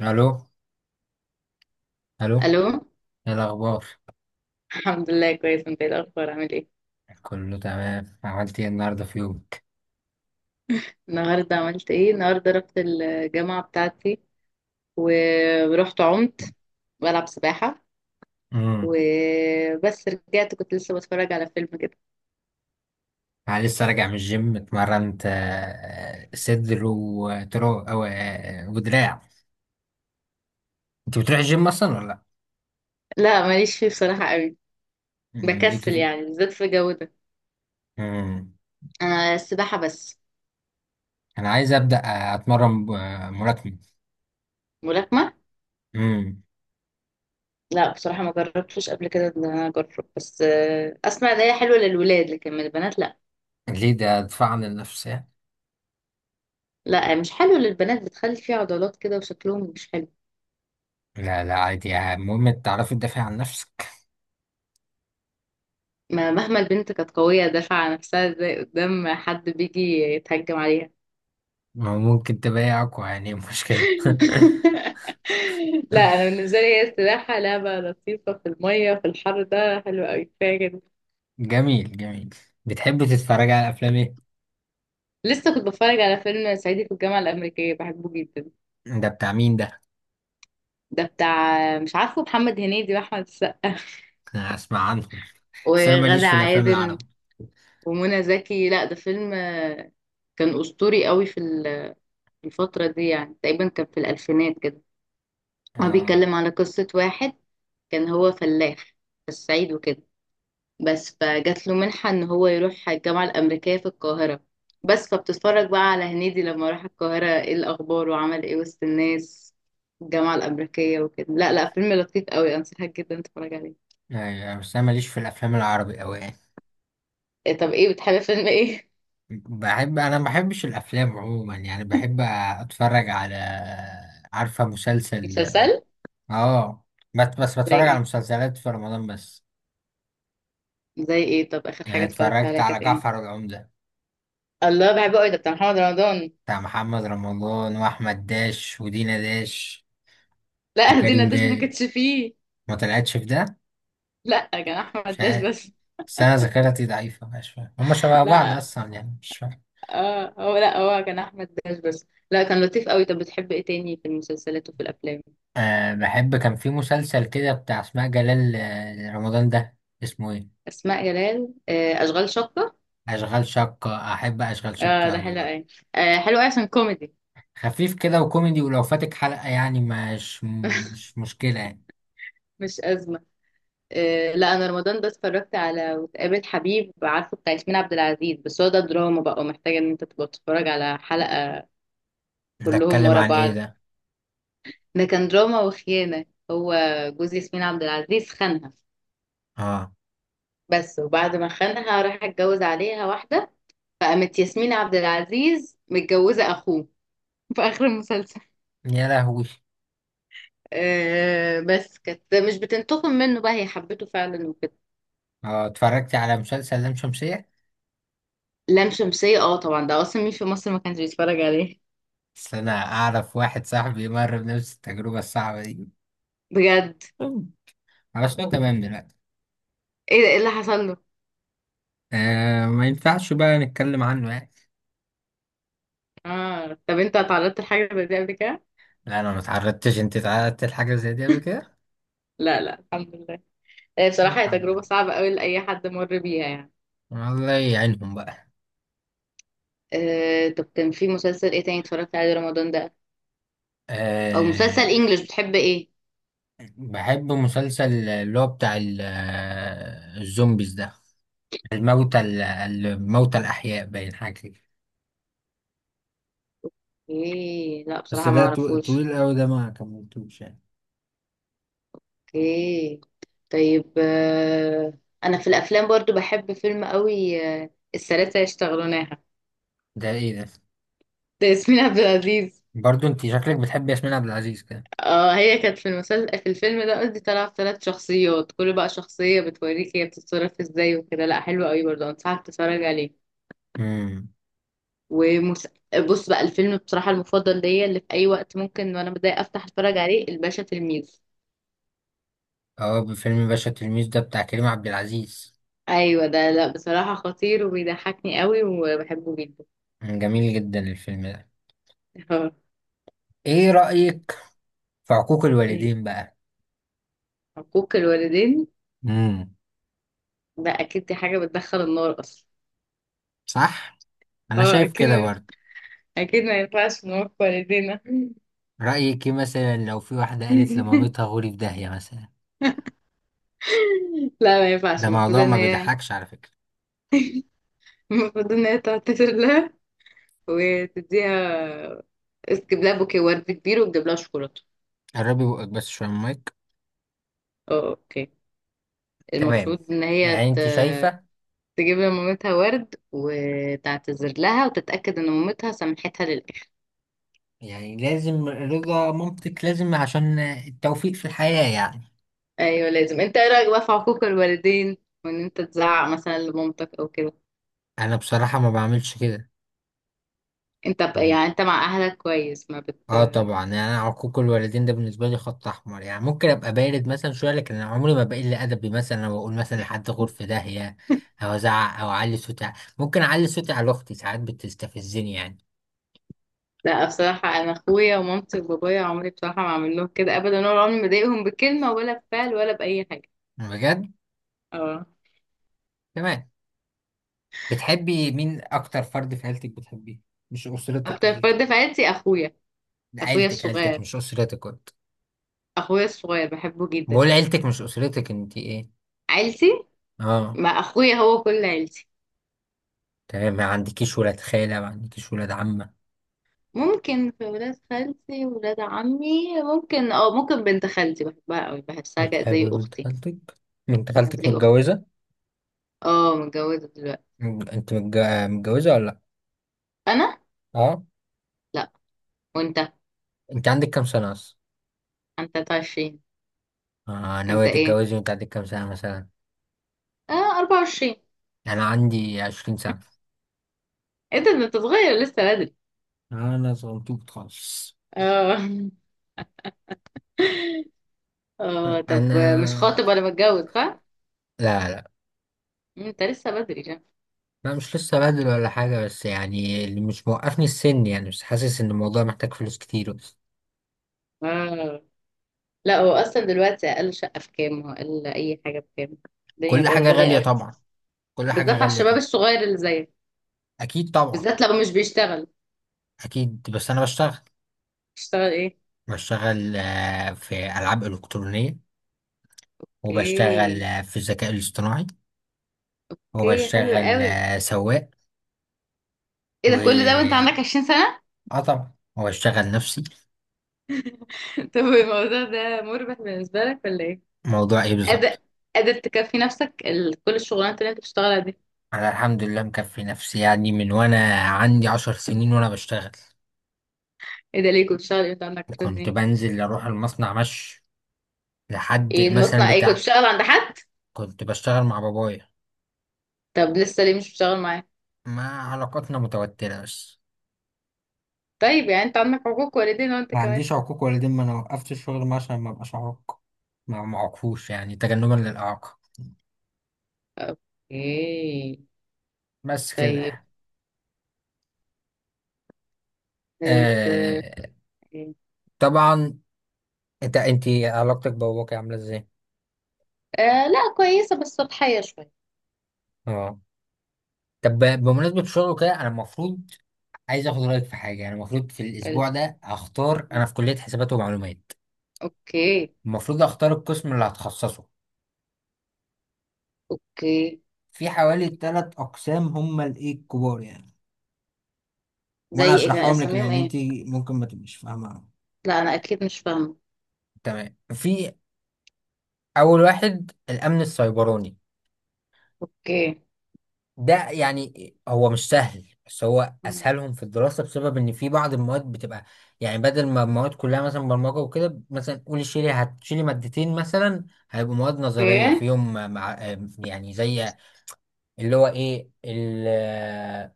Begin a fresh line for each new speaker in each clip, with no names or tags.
الو. الو.
الو.
ايه الاخبار؟
الحمد لله كويس، انت ايه الاخبار؟ عامل ايه؟
كله تمام. عملت ايه النهارده في يومك؟
النهارده عملت ايه؟ النهارده رحت الجامعه بتاعتي، ورحت عمت بلعب سباحه.
امم.
وبس رجعت كنت لسه بتفرج على فيلم كده.
انا لسه راجع من الجيم، اتمرنت صدر وترو او ودراع. انت بتروح الجيم اصلا ولا لا؟
لا، ماليش فيه بصراحه قوي.
أمم، ليك
بكسل
في...
يعني بالذات في الجو ده.
امم.
انا السباحه بس.
انا عايز ابدا اتمرن ملاكمه.
ملاكمه؟
امم.
لا بصراحه، ما جربتش قبل كده ان انا اجرب، بس اسمع ان هي حلوه للولاد لكن من البنات لا.
ليه؟ ده دفاع عن النفس يعني.
لا، مش حلوه للبنات، بتخلي فيه عضلات كده وشكلهم مش حلو.
لا، لا، عادي يعني، المهم تعرفي تدافع عن نفسك.
ما مهما البنت كانت قوية دافعة عن نفسها، ازاي قدام حد بيجي يتهجم عليها؟
ما هو ممكن تبقى اقوى يعني، مشكلة؟
لا أنا بالنسبة لي هي السباحة لعبة لطيفة في المية، في الحر ده حلو أوي، كفاية كده.
جميل جميل. بتحب تتفرج على افلام ايه؟
لسه كنت بتفرج على فيلم صعيدي في الجامعة الأمريكية، بحبه جدا.
ده بتاع مين ده؟
ده بتاع مش عارفه، محمد هنيدي وأحمد السقا.
أنا هسمع عنه. بس أنا
وغادة
ماليش في الأفلام
عادل
العربي.
ومنى زكي. لا ده فيلم، كان أسطوري قوي في الفترة دي، يعني تقريبا كان في الألفينات كده. هو
آه.
بيتكلم على قصة واحد، كان هو فلاح في الصعيد وكده. بس فجات له منحة ان هو يروح الجامعة الأمريكية في القاهرة. بس فبتتفرج بقى على هنيدي لما راح القاهرة، ايه الأخبار وعمل ايه وسط الناس في الجامعة الأمريكية وكده. لا لا، فيلم لطيف قوي، أنصحك جدا تتفرج عليه.
أيوة، بس أنا ماليش في الأفلام العربي أوي يعني.
إيه؟ طب ايه بتحب، فيلم ايه؟
بحب، أنا ما بحبش الأفلام عموما يعني، بحب أتفرج على، عارفة مسلسل.
مسلسل؟
آه. بس
زي
بتفرج على
ايه؟
مسلسلات في رمضان بس.
زي ايه؟ طب آخر
يعني
حاجة اتفرجت
اتفرجت
عليها
على
كانت
جعفر
ايه؟
العمدة،
الله، بحبه قوي ده، بتاع محمد رمضان.
بتاع محمد رمضان وأحمد داش ودينا داش
لا دينا
وكريم
داش ما
داش.
كانتش فيه.
ما طلعتش في ده؟
لا كان
مش
أحمد داش
عارف.
بس.
بس أنا ذاكرتي ضعيفة، مش فاهم، هما شبه بعض
لا،
أصلا يعني، مش فاهم.
اه، هو لا، هو كان احمد داش بس، لا كان لطيف قوي. طب بتحب ايه تاني في المسلسلات وفي الافلام؟
أه، بحب، كان في مسلسل كده بتاع اسماء جلال رمضان ده، اسمه ايه؟
اسماء جلال، اشغال شقه.
اشغال شقة. احب اشغال شقة
اه ده
اوي
حلو
برضه.
قوي. آه حلو قوي عشان كوميدي.
خفيف كده وكوميدي، ولو فاتك حلقة يعني مش مشكلة يعني.
مش ازمه. آه لا انا رمضان ده اتفرجت على وتقابل حبيب عارفه، بتاع ياسمين عبد العزيز، بس هو ده دراما بقى ومحتاجه ان انت تبقى تتفرج على حلقه.
ده
كلهم
اتكلم
ورا
عن ايه
بعض.
ده؟
ده كان دراما وخيانه، هو جوز ياسمين عبد العزيز خانها.
اه.
بس وبعد ما خانها راح اتجوز عليها واحده. فقامت ياسمين عبد العزيز متجوزة أخوه في آخر المسلسل.
يا لهوي!
آه بس كانت مش بتنتقم منه بقى، هي حبته فعلا وكده.
اه، اتفرجت على مسلسل لام شمسية.
لام شمسية، اه طبعا، ده أصلا مين في مصر ما كانش بيتفرج عليه؟
بس انا اعرف واحد صاحبي مر بنفس التجربة الصعبة دي.
بجد.
خلاص، هو تمام دلوقتي.
ايه ده؟ ايه اللي حصل له؟
آه، ما ينفعش بقى نتكلم عنه يعني.
اه طب انت اتعرضت لحاجة زي دي قبل كده؟
لا، انا ما اتعرضتش. انت اتعرضت لحاجة زي دي قبل كده؟
لا لا، الحمد لله. آه بصراحة هي
الحمد
تجربة
لله.
صعبة قوي لأي حد مر بيها يعني.
الله يعينهم بقى.
آه طب كان في مسلسل ايه تاني اتفرجت عليه رمضان ده؟ أو مسلسل
أه،
انجلش؟ بتحب ايه؟
بحب مسلسل اللي هو بتاع الزومبيز ده، الموتى الأحياء، باين حاجة كده.
ايه؟ لا
بس
بصراحة ما
ده
اعرفوش.
طويل قوي ده، ما كملتوش يعني.
اوكي. طيب، انا في الافلام برضو بحب فيلم قوي، الثلاثه يشتغلونها.
ده ايه ده؟
ده ياسمين عبد العزيز.
برضو انت شكلك بتحب ياسمين عبد العزيز كده.
اه هي كانت في المسلسل، في الفيلم ده قصدي، طالعه في ثلاث شخصيات، كل بقى شخصيه بتوريك هي بتتصرف ازاي وكده، لا حلو قوي برضو، انصحك تتفرج عليه.
امم.
ومس... بص بقى، الفيلم بصراحه المفضل ليا اللي في اي وقت ممكن وانا متضايقه افتح اتفرج عليه، الباشا تلميذ.
اه، فيلم باشا تلميذ ده بتاع كريم عبد العزيز.
ايوه ده، لا بصراحه خطير وبيضحكني قوي وبحبه جدا.
جميل جدا الفيلم ده.
آه،
ايه رأيك في عقوق
إيه،
الوالدين بقى؟
حقوق الوالدين.
امم.
ده اكيد، دي حاجة بتدخل النار اصلا.
صح. انا
اه
شايف كده
اكيد.
برضه.
اكيد ما ينفعش نوقف والدينا.
رأيك إيه مثلا لو في واحدة قالت لمامتها غوري في داهية مثلا؟
لا ما ينفعش،
ده موضوع ما بيضحكش على فكرة.
المفروض ان هي تعتذر لها، وتديها، تجيب لها بوكيه ورد كبير وتجيب لها شوكولاته.
قربي بقك بس شوية من المايك.
اه اوكي.
تمام.
المفروض ان هي
يعني
ت...
انت شايفة.
تجيب لمامتها ورد وتعتذر لها وتتأكد ان مامتها سامحتها للآخر.
يعني لازم رضا مامتك، لازم عشان التوفيق في الحياة يعني.
ايوه لازم. انت ايه رأيك بقى في حقوق الوالدين، وان انت تزعق مثلا لمامتك او كده؟
انا بصراحة ما بعملش كده. مم.
يعني انت مع اهلك كويس، ما بت
اه طبعا، يعني انا عقوق الوالدين ده بالنسبة لي خط احمر يعني. ممكن ابقى بارد مثلا شوية، لكن انا عمري ما بقل ادبي مثلا، او اقول مثلا لحد غور في داهية، او ازعق او اعلي صوتي ممكن اعلي صوتي على اختي ساعات، بتستفزني يعني.
لا بصراحة، أنا أخويا ومامتي وبابايا عمري بصراحة ما أعمل لهم كده أبدا، ولا عمري ما أضايقهم بكلمة ولا بفعل ولا بأي حاجة.
بجد.
اه.
تمام. بتحبي مين اكتر فرد في عيلتك بتحبيه؟ مش اسرتك،
أكتر
عيلتك.
فرد في عيلتي أخويا. أخويا
عيلتك عيلتك
الصغير.
مش اسرتك، كنت
أخويا الصغير بحبه جدا.
بقول، عيلتك مش اسرتك. انت ايه؟
عيلتي.
اه.
مع أخويا هو كل عيلتي.
تمام، ما عندكيش ولاد خالة؟ ما عندكيش ولاد عمة؟
ممكن، في ولاد خالتي ولاد عمي، ممكن اه، ممكن بنت خالتي بحبها أوي، بحسها زي
بتحبي بنت
أختي.
خالتك؟ بنت خالتك
زي أختي.
متجوزة؟
اه متجوزة دلوقتي.
م- انت متج... متجوزة ولا لا؟
أنا؟
اه.
لأ. وأنت؟
انت عندك كام سنة اصلا؟
أنت 23.
اه، ناوية
أنت إيه؟
تتجوزي وانت عندك كام سنة مثلا؟
24.
انا عندي 20 سنة.
أنت صغير لسه بدري.
انا صغنطوط خالص.
اه. اه طب
انا.
مش خاطب ولا متجوز صح؟
لا، لا،
انت لسه بدري يعني.
لا، مش لسه بدل ولا حاجة، بس يعني اللي مش موقفني السن يعني، مش حاسس إن الموضوع محتاج فلوس كتير.
اه لا، هو اصلا دلوقتي، اقل شقة بكام واقل اي حاجة بكام؟ الدنيا
كل
بقت
حاجة
غالية
غالية
قوي.
طبعا. كل حاجة
بالذات على
غالية
الشباب
طبعا.
الصغير اللي زيك.
أكيد طبعا.
بالذات لو مش بيشتغل.
أكيد، بس أنا بشتغل.
بيشتغل ايه؟
بشتغل في ألعاب إلكترونية. وبشتغل
اوكي.
في الذكاء الاصطناعي.
اوكي حلو
وبشتغل
قوي.
سواق.
ايه
و
ده؟ كل ده وانت عندك 20 سنة؟
آه طبعا، وبشتغل نفسي.
طب الموضوع ده مربح بالنسبة لك ولا ايه؟
موضوع إيه
قادر
بالظبط؟
قادر تكفي نفسك كل الشغلانات اللي انت بتشتغلها دي؟
أنا الحمد لله مكفي نفسي يعني، من وأنا عندي 10 سنين وأنا بشتغل.
ايه ده؟ ليه كنت بتشتغل ايه وانت عندك 20
كنت
سنة؟
بنزل أروح المصنع مشي، لحد
ايه
مثلا
المصنع؟ ايه كنت
بتاع.
بتشتغل عند حد؟
كنت بشتغل مع بابايا.
طب لسه ليه مش بتشتغل معاه؟
ما علاقتنا متوترة بس.
طيب يعني انت عندك حقوق والدين وانت
ما
كمان.
عنديش عقوق والدين، ما انا وقفت الشغل معاه عشان ما ابقاش عاق. ما معرفوش يعني، تجنبا للإعاقة.
اوكي.
بس
طيب.
كده.
طيب،
آه طبعا. انت علاقتك بباباك عاملة ازاي؟
لا كويسة بس سطحية شوية.
اه، طب بمناسبة الشغل وكده، انا المفروض عايز اخد رأيك في حاجة يعني. المفروض في الاسبوع
ال-
ده اختار، انا في كلية حسابات ومعلومات،
اوكي.
المفروض اختار القسم اللي هتخصصه.
اوكي.
في حوالي 3 اقسام هم الايه الكبار يعني.
زي
وانا
ايه؟ كان
اشرحهم لك
اساميهم
لان انت
ايه؟
ممكن ما تبقيش فاهمه.
لا انا اكيد مش فاهمة.
تمام. في اول واحد، الامن السيبراني.
اوكي.
ده يعني هو مش سهل، بس هو اسهلهم في الدراسه بسبب ان في بعض المواد بتبقى يعني، بدل ما المواد كلها مثلا برمجه وكده، مثلا قولي شيلي هتشيلي مادتين مثلا، هيبقوا مواد نظريه
اوكي.
فيهم، مع يعني زي اللي هو ايه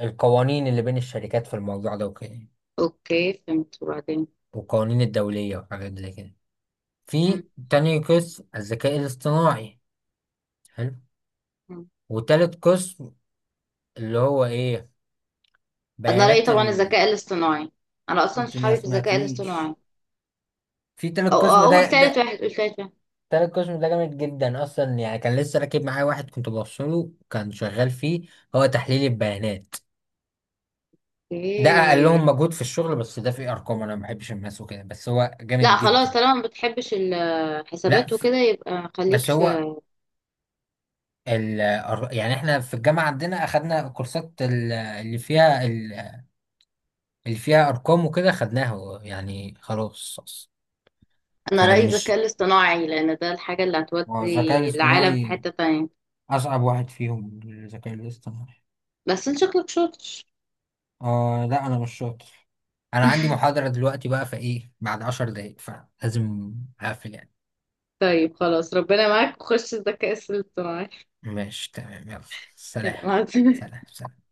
القوانين اللي بين الشركات في الموضوع ده وكده،
اوكي فهمت، وبعدين؟
والقوانين الدوليه وحاجات زي كده.
مم.
في تاني قسم، الذكاء الاصطناعي. حلو.
مم.
وتالت قسم اللي هو ايه،
انا رأيي
بيانات
طبعا الذكاء الاصطناعي. انا اصلا
انت ما
صحابي في الذكاء الاصطناعي.
سمعتنيش. في
او
تالت قسم
أو اول
ده
ثالث
ده
واحد، اول ثالث واحد.
تالت قسم ده جامد جدا اصلا يعني. كان لسه راكب معايا واحد كنت بوصله كان شغال فيه، هو تحليل البيانات. ده
اوكي.
اقلهم مجهود في الشغل، بس ده فيه ارقام، انا ما بحبش الماس وكده، بس هو جامد
لا
جدا.
خلاص، طالما ما بتحبش
لا،
الحسابات وكده، يبقى خليك
بس
في.
هو يعني احنا في الجامعة عندنا اخدنا كورسات اللي فيها، اللي فيها ارقام وكده خدناها يعني خلاص.
انا
فانا
رأيي الذكاء
مش.
الاصطناعي لان ده الحاجة اللي
ما هو الذكاء
هتودي العالم في
الاصطناعي
حتة تانية.
أصعب واحد فيهم، الذكاء الاصطناعي.
بس انت شكلك شاطر.
آه، لا، أنا مش شاطر. انا عندي محاضرة دلوقتي بقى، فايه بعد 10 دقايق، فلازم اقفل يعني.
طيب خلاص، ربنا معاك وخش الذكاء الاصطناعي.
ماشي تمام، يلا. سلام.
يلا، مع السلامة.
سلام سلام.